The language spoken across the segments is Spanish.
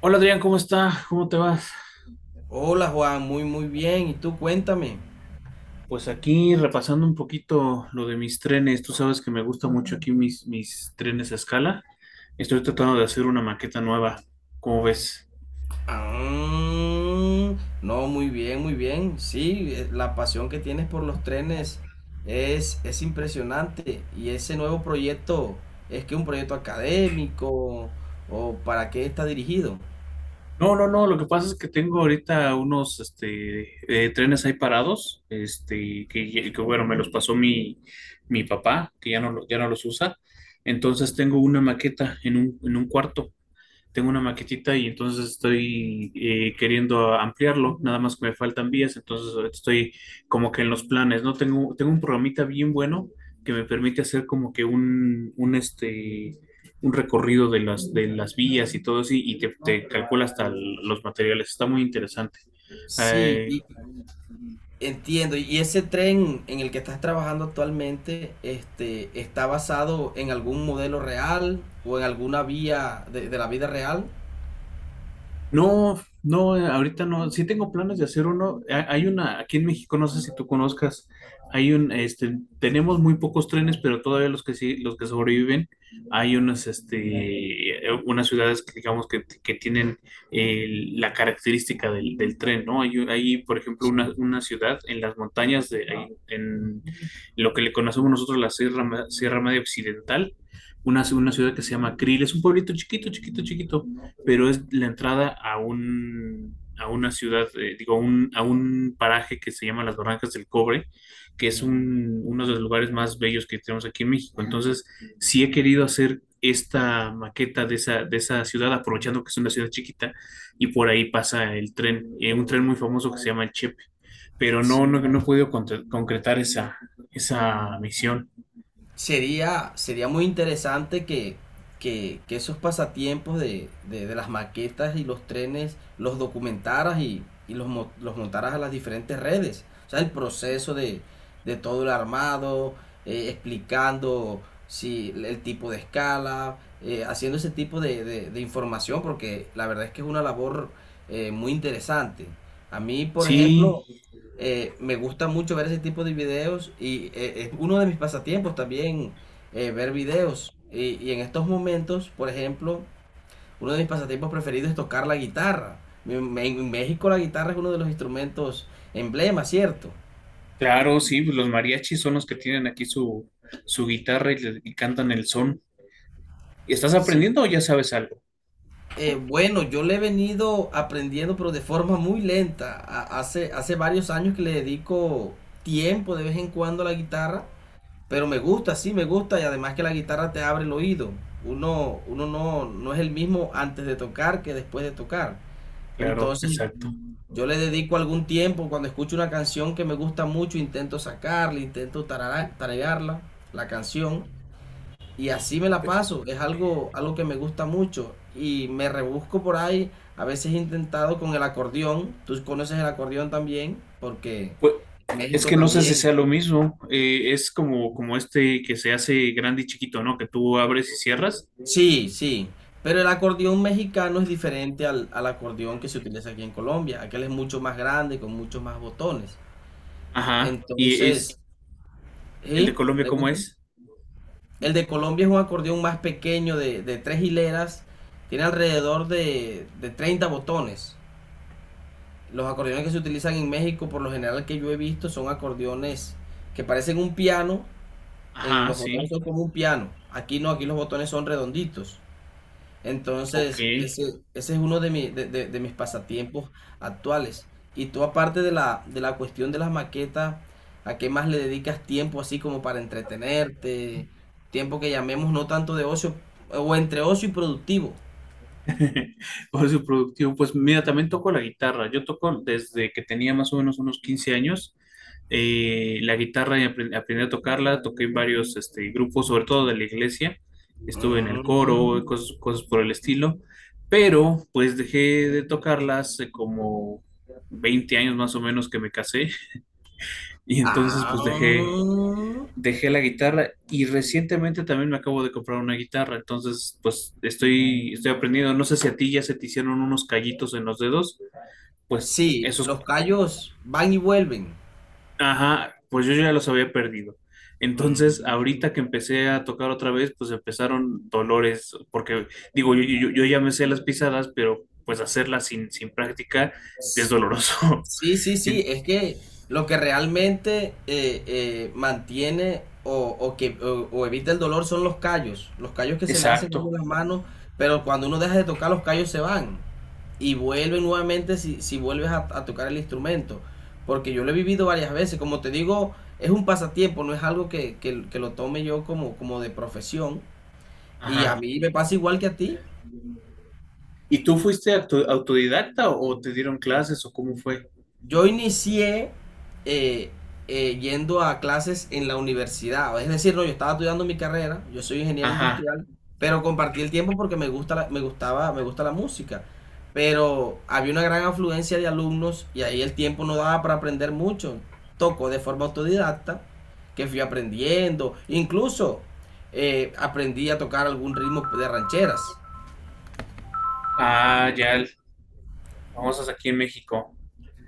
Hola Adrián, ¿cómo está? ¿Cómo te vas? Hola Juan, muy muy bien. ¿Y tú cuéntame? Pues aquí repasando un poquito lo de mis trenes. Tú sabes que me gusta mucho aquí mis trenes a escala. Estoy tratando de hacer una maqueta nueva. ¿Cómo ves? Ah, no, muy bien, muy bien. Sí, la pasión que tienes por los trenes es impresionante. Y ese nuevo proyecto, ¿es que un proyecto académico o para qué está dirigido? No, no, no. Lo que pasa es que tengo ahorita unos trenes ahí parados, que, bueno, me los pasó mi papá, que ya ya no los usa. Entonces tengo una maqueta en en un cuarto. Tengo una maquetita y entonces estoy queriendo ampliarlo, nada más que me faltan vías, entonces ahorita estoy como que en los planes, ¿no? Tengo un programita bien bueno que me permite hacer como que un recorrido de de las vías y todo así, y te calcula hasta los materiales, está muy interesante. Sí, Eh, y- Entiendo. ¿Y ese tren en el que estás trabajando actualmente, este, está basado en algún modelo real o en alguna vía de la vida real? No, no, ahorita no. Sí tengo planes de hacer uno. Hay una, aquí en México, no sé si tú conozcas, hay tenemos muy pocos trenes, pero todavía los que sí, los que sobreviven, hay unas, unas ciudades que digamos que tienen eh, la característica del tren, ¿no? Hay, por ejemplo, Sí, una ciudad en las montañas de, ahí, en lo que le conocemos nosotros la Sierra Media Occidental, una ciudad que se llama Krill, es un pueblito chiquito, chiquito, chiquito, pero es la entrada a un, a una ciudad, digo, a un paraje que se llama Las Barrancas del Cobre, que es uno de los lugares más bellos que tenemos aquí en México. Entonces, sí he querido hacer esta maqueta de de esa ciudad, aprovechando que es una ciudad chiquita y por ahí pasa el tren, un tren muy famoso que se llama el Chepe, pero sí. no, no he podido concretar esa, esa misión. Sería, sería muy interesante que esos pasatiempos de las maquetas y los trenes los documentaras y los, los montaras a las diferentes redes. O sea, el proceso de todo el armado, explicando si el tipo de escala, haciendo ese tipo de, de información, porque la verdad es que es una labor muy interesante. A mí, por Sí. ejemplo, me gusta mucho ver ese tipo de videos y es uno de mis pasatiempos también ver videos. Y en estos momentos, por ejemplo, uno de mis pasatiempos preferidos es tocar la guitarra. En México la guitarra es uno de los instrumentos emblema, ¿cierto? Claro, sí, pues los mariachis son los que tienen aquí su, su guitarra y, cantan el son. ¿Y estás Sí. aprendiendo o ya sabes algo? Bueno, yo le he venido aprendiendo, pero de forma muy lenta. Hace varios años que le dedico tiempo de vez en cuando a la guitarra. Pero me gusta, sí, me gusta y además que la guitarra te abre el oído. Uno no es el mismo antes de tocar que después de tocar. Claro, Entonces, exacto. yo le dedico algún tiempo, cuando escucho una canción que me gusta mucho, intento sacarla, intento tararearla, la canción, y así me la paso. Algo que me gusta mucho y me rebusco por ahí. A veces he intentado con el acordeón, tú conoces el acordeón también, porque en Pues es México que no sé si sea también. lo mismo. Es como, como este que se hace grande y chiquito, ¿no? Que tú abres y cierras. Sí, sí, pero el acordeón mexicano es diferente al acordeón que se utiliza aquí en Colombia. Aquel es mucho más grande, con muchos más botones. Ajá. ¿Y es Entonces, el de ¿sí? Colombia, cómo Pregunta. es? El de Colombia es un acordeón más pequeño de tres hileras, tiene alrededor de 30 botones. Los acordeones que se utilizan en México, por lo general que yo he visto, son acordeones que parecen un piano, en Ajá, los botones sí. son como un piano. Aquí no, aquí los botones son redonditos. Ok. Entonces, ese es uno de, de mis pasatiempos actuales. Y tú, aparte de la cuestión de las maquetas, ¿a qué más le dedicas tiempo así como para entretenerte? Tiempo que llamemos no tanto de ocio, o entre ocio y productivo. Por su productivo, pues mira, también toco la guitarra. Yo toco desde que tenía más o menos unos 15 años. La guitarra y aprendí a tocarla, toqué en varios grupos, sobre todo de la iglesia. Estuve en el coro, y Mm. Cosas por el estilo. Pero pues dejé de tocarla hace como 20 años más o menos que me casé. Y entonces Ah. pues dejé la guitarra y recientemente también me acabo de comprar una guitarra, entonces pues estoy aprendiendo, no sé si a ti ya se te hicieron unos callitos en los dedos, pues Sí, esos, los callos van y vuelven. ajá, pues yo ya los había perdido. Entonces, Mm. ahorita que empecé a tocar otra vez, pues empezaron dolores, porque digo, yo ya me sé las pisadas, pero pues hacerlas sin práctica es doloroso. Sí, sí, sí, En- es que lo que realmente mantiene o que, o evita el dolor son los callos que se le hacen a uno Exacto. en las manos, pero cuando uno deja de tocar los callos se van y vuelven nuevamente si, si vuelves a tocar el instrumento, porque yo lo he vivido varias veces, como te digo, es un pasatiempo, no es algo que lo tome yo como, como de profesión, y a Ajá. mí me pasa igual que a ti. ¿Y tú fuiste autodidacta o te dieron clases o cómo fue? Yo inicié eh, yendo a clases en la universidad. Es decir, no, yo estaba estudiando mi carrera, yo soy ingeniero Ajá. industrial, pero compartí el tiempo porque me gustaba, me gusta la música. Pero había una gran afluencia de alumnos y ahí el tiempo no daba para aprender mucho. Toco de forma autodidacta, que fui aprendiendo. Incluso aprendí a tocar algún ritmo de rancheras. Ah, ya, el- Famosas aquí en México.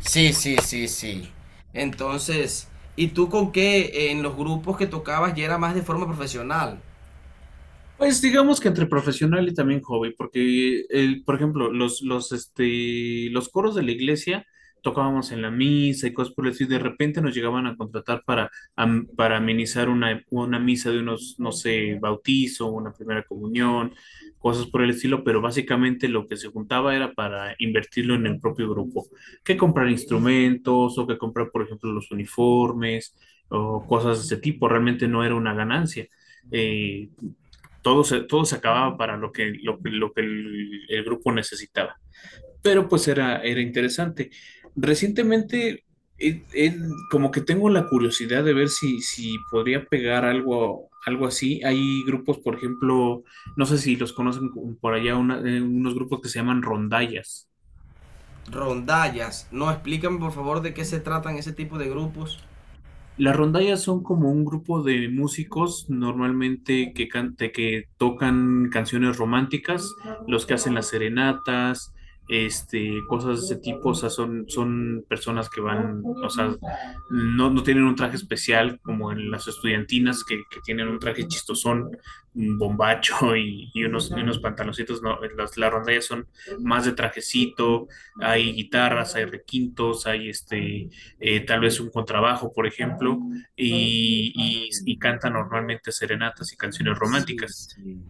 Sí, sí, sí, sí. Entonces, ¿y tú con qué en los grupos que tocabas ya era más de forma profesional? Pues digamos que entre profesional y también hobby, porque, por ejemplo, los coros de la iglesia tocábamos en la misa y cosas por el estilo, y de repente nos llegaban a contratar para, para amenizar una misa de unos, no sé, bautizo, una primera comunión, cosas por el estilo, pero básicamente lo que se juntaba era para invertirlo en el propio grupo, que comprar instrumentos o que comprar, por ejemplo, los uniformes o cosas de ese tipo, realmente no era una ganancia. Eh, todo se acababa para lo que, lo que el grupo necesitaba. Pero pues era interesante. Recientemente, eh, eh, como que tengo la curiosidad de ver si, si podría pegar algo, algo así. Hay grupos, por ejemplo, no sé si los conocen por allá, una, unos grupos que se llaman rondallas. Rondallas. No, explícame por favor de qué se tratan ese tipo de grupos. Las rondallas son como un grupo de músicos normalmente de que tocan canciones románticas, los que hacen las serenatas, cosas de ese tipo, o sea, son, son personas que van, o sea, no tienen un traje especial como en las estudiantinas que tienen un traje chistosón, un bombacho y unos pantaloncitos, no, las rondallas son más de trajecito, hay guitarras, hay requintos, hay tal vez un contrabajo, por ejemplo, y Mm. canta normalmente serenatas y canciones Sí, románticas. sí.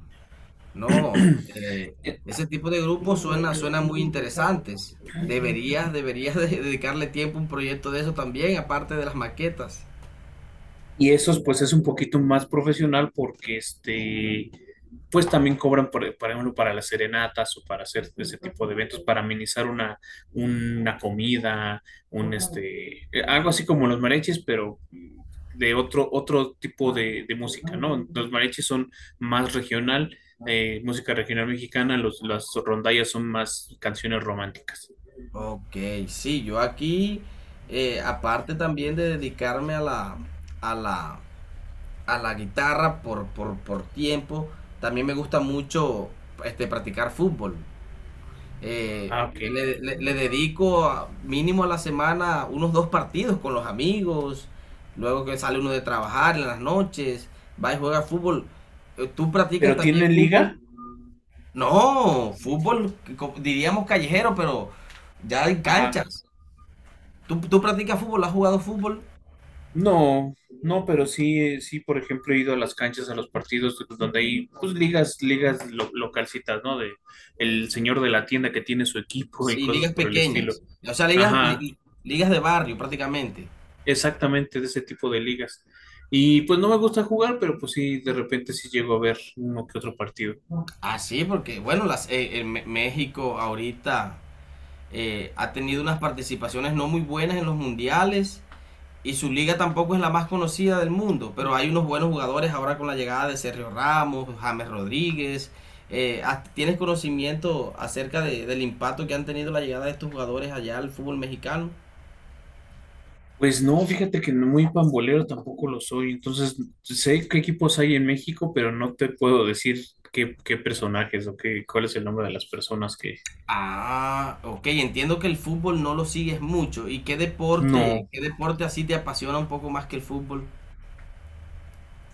No, ese tipo de grupos suena, suena muy interesantes. Deberías, deberías dedicarle tiempo a un proyecto de eso también, aparte de las maquetas. Y esos, pues, es un poquito más profesional porque pues también cobran, por ejemplo, para las serenatas o para hacer ese tipo de eventos, para amenizar una comida, algo así como los mariachis, pero de otro tipo de música, ¿no? Los mariachis son más regional, música regional mexicana, los, las rondallas son más canciones románticas. Ok, sí, yo aquí, aparte también de dedicarme a la, a la guitarra por tiempo. También me gusta mucho este, practicar fútbol. Eh, Ah, ok. Le, le dedico mínimo a la semana unos dos partidos con los amigos. Luego que sale uno de trabajar en las noches, va y juega fútbol. ¿Tú practicas ¿Pero también tienen liga? fútbol? No, fútbol diríamos callejero, pero ya en Ajá. canchas. Tú practicas fútbol? ¿Has jugado fútbol? No, no, pero sí, sí, por ejemplo, he ido a las canchas, a los partidos donde hay pues ligas, localcitas, ¿no? De el señor de la tienda que tiene su equipo y Sí, cosas ligas por el estilo. pequeñas. O sea, Ajá, ligas de barrio prácticamente. exactamente de ese tipo de ligas. Y pues no me gusta jugar, pero pues sí, de repente sí llego a ver uno que otro partido. Ah, sí, porque bueno, las, en México ahorita ha tenido unas participaciones no muy buenas en los mundiales y su liga tampoco es la más conocida del mundo, pero hay unos buenos jugadores ahora con la llegada de Sergio Ramos, James Rodríguez. Tienes conocimiento acerca del impacto que han tenido la llegada de estos jugadores allá al fútbol mexicano? Pues no, fíjate que no muy pambolero tampoco lo soy, entonces sé qué equipos hay en México, pero no te puedo decir qué personajes o qué, cuál es el nombre de las personas que... Ah, ok, entiendo que el fútbol no lo sigues mucho. ¿Y No. qué deporte así te apasiona un poco más que el fútbol?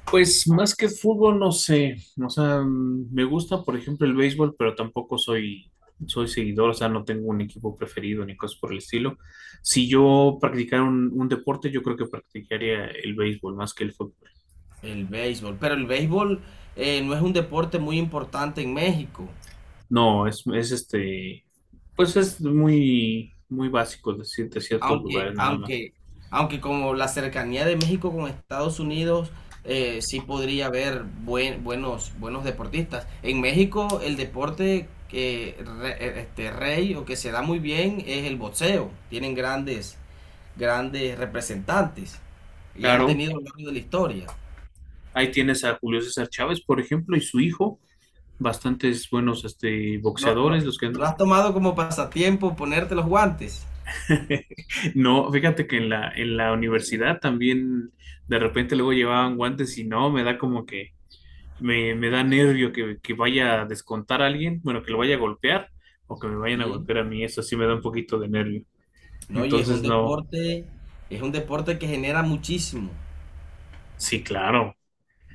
Pues más que fútbol, no sé. O sea, mm, me gusta, por ejemplo, el béisbol, pero tampoco soy, soy seguidor, o sea, no tengo un equipo preferido ni cosas por el estilo. Si yo practicara un deporte, yo creo que practicaría el béisbol más que el fútbol. El béisbol, pero el béisbol no es un deporte muy importante en México, No, es este, pues es muy, muy básico decirte ciertos aunque, lugares nada más. aunque, aunque como la cercanía de México con Estados Unidos, sí podría haber buenos, buenos deportistas. En México el deporte que este, rey o que se da muy bien es el boxeo. Tienen grandes, grandes representantes y han Claro, tenido a lo largo de la historia. ahí tienes a Julio César Chávez, por ejemplo, y su hijo, bastantes buenos No, boxeadores, no, los que ¿no han has tomado como pasatiempo ponerte los guantes? no, fíjate que en en la universidad también de repente luego llevaban guantes y no, me da como que me da nervio que vaya a descontar a alguien, bueno, que lo vaya a golpear o que me vayan a Sí. golpear a mí, eso sí me da un poquito de nervio. No, y Entonces, no, es un deporte que genera muchísimo. sí, claro,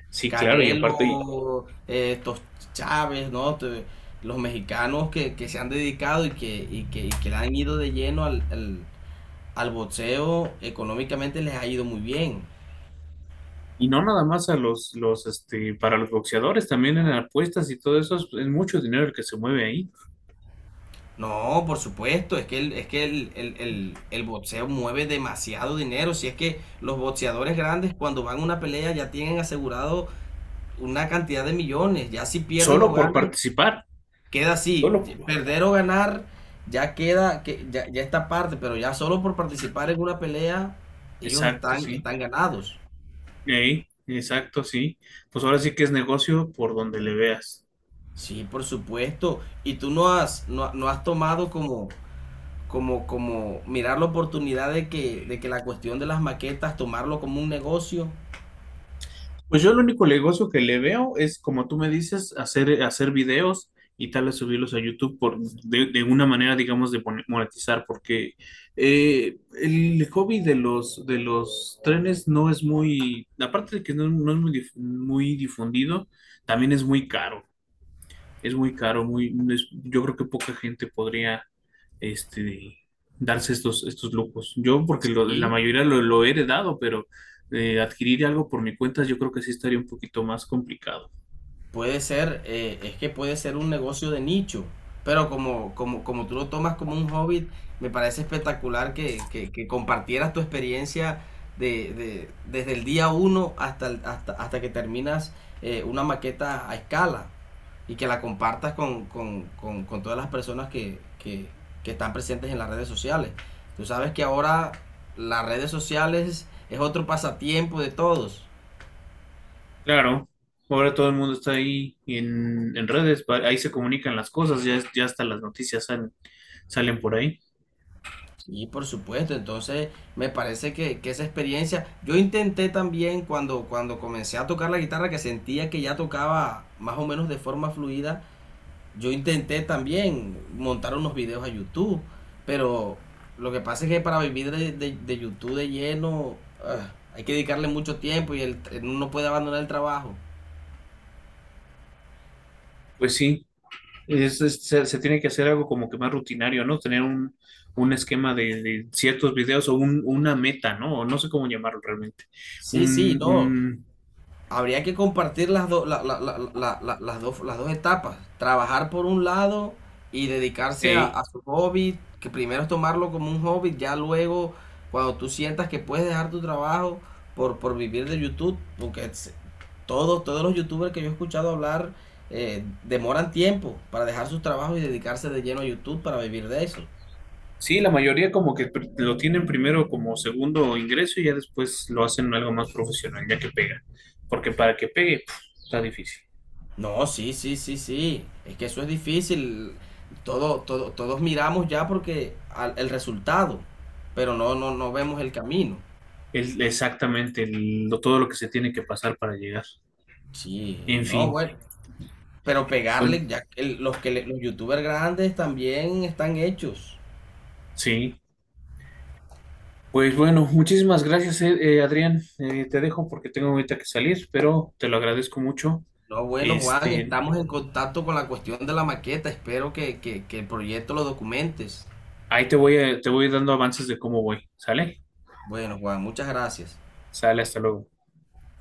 sí, claro, y aparte, Canelo, estos Chávez, ¿no? Los mexicanos que se han dedicado y y que le han ido de lleno al boxeo, económicamente les ha ido muy bien. y no nada más a para los boxeadores, también en apuestas y todo eso, es mucho dinero el que se mueve ahí, No, por supuesto, es que el boxeo mueve demasiado dinero. Si es que los boxeadores grandes cuando van a una pelea ya tienen asegurado una cantidad de millones. Ya si pierden o solo por ganan participar, queda así, solo por... perder o ganar, ya queda, que, ya, ya está aparte, pero ya solo por participar en una pelea, ellos Exacto, están, sí. están ganados. Ey, exacto, sí. Pues ahora sí que es negocio por donde le veas. Sí, por supuesto. Y tú no has, no, no has tomado como, como, como mirar la oportunidad de que la cuestión de las maquetas, tomarlo como un negocio. Pues yo el único negocio que le veo es, como tú me dices, hacer videos y tal vez subirlos a YouTube por, de una manera, digamos, de monetizar, porque el hobby de los trenes no es muy, aparte de que no, no es muy, dif- muy difundido, también es muy caro. Es muy caro, yo creo que poca gente podría este, darse estos, estos lujos. Yo, porque la Sí. mayoría lo he heredado, pero adquirir algo por mi cuenta, yo creo que sí estaría un poquito más complicado. Puede ser, es que puede ser un negocio de nicho, pero como, como, como tú lo tomas como un hobby, me parece espectacular que compartieras tu experiencia desde el día 1 hasta, hasta que terminas una maqueta a escala y que la compartas con todas las personas que están presentes en las redes sociales. Tú sabes que ahora las redes sociales es otro pasatiempo de todos. Claro, ahora todo el mundo está ahí en redes, ahí se comunican las cosas, ya hasta las noticias salen por ahí. Y por supuesto, entonces me parece que esa experiencia, yo intenté también cuando, cuando comencé a tocar la guitarra, que sentía que ya tocaba más o menos de forma fluida, yo intenté también montar unos videos a YouTube, pero lo que pasa es que para vivir de, de YouTube de lleno, ah, hay que dedicarle mucho tiempo y el, uno no puede abandonar el trabajo. Pues sí, se tiene que hacer algo como que más rutinario, ¿no? Tener un esquema de ciertos videos o una meta, ¿no? O no sé cómo llamarlo realmente. Sí, sí, Un, no. un, Habría que compartir las, las dos las dos etapas. Trabajar por un lado y dedicarse eh, a su hobby, que primero es tomarlo como un hobby, ya luego cuando tú sientas que puedes dejar tu trabajo por vivir de YouTube, porque todos, todos los youtubers que yo he escuchado hablar demoran tiempo para dejar sus trabajos y dedicarse de lleno a YouTube para vivir de eso. sí, la mayoría como que lo tienen primero como segundo ingreso y ya después lo hacen algo más profesional, ya que pega. Porque para que pegue, puf, está difícil. No, sí, sí, sí, sí. Es que eso es difícil. Todo, todo, todos miramos ya porque el resultado, pero no, no, no vemos el camino. Es exactamente todo lo que se tiene que pasar para llegar. Sí, En no, fin, bueno. Pero bueno, pegarle, ya que los youtubers grandes también están hechos. sí. Pues bueno, muchísimas gracias, Adrián. Te dejo porque tengo ahorita que salir, pero te lo agradezco mucho. No, bueno, Juan, Este, estamos en contacto con la cuestión de la maqueta. Espero que el proyecto lo documentes. ahí te voy dando avances de cómo voy. ¿Sale? Bueno, Juan, muchas gracias. Sale, hasta luego.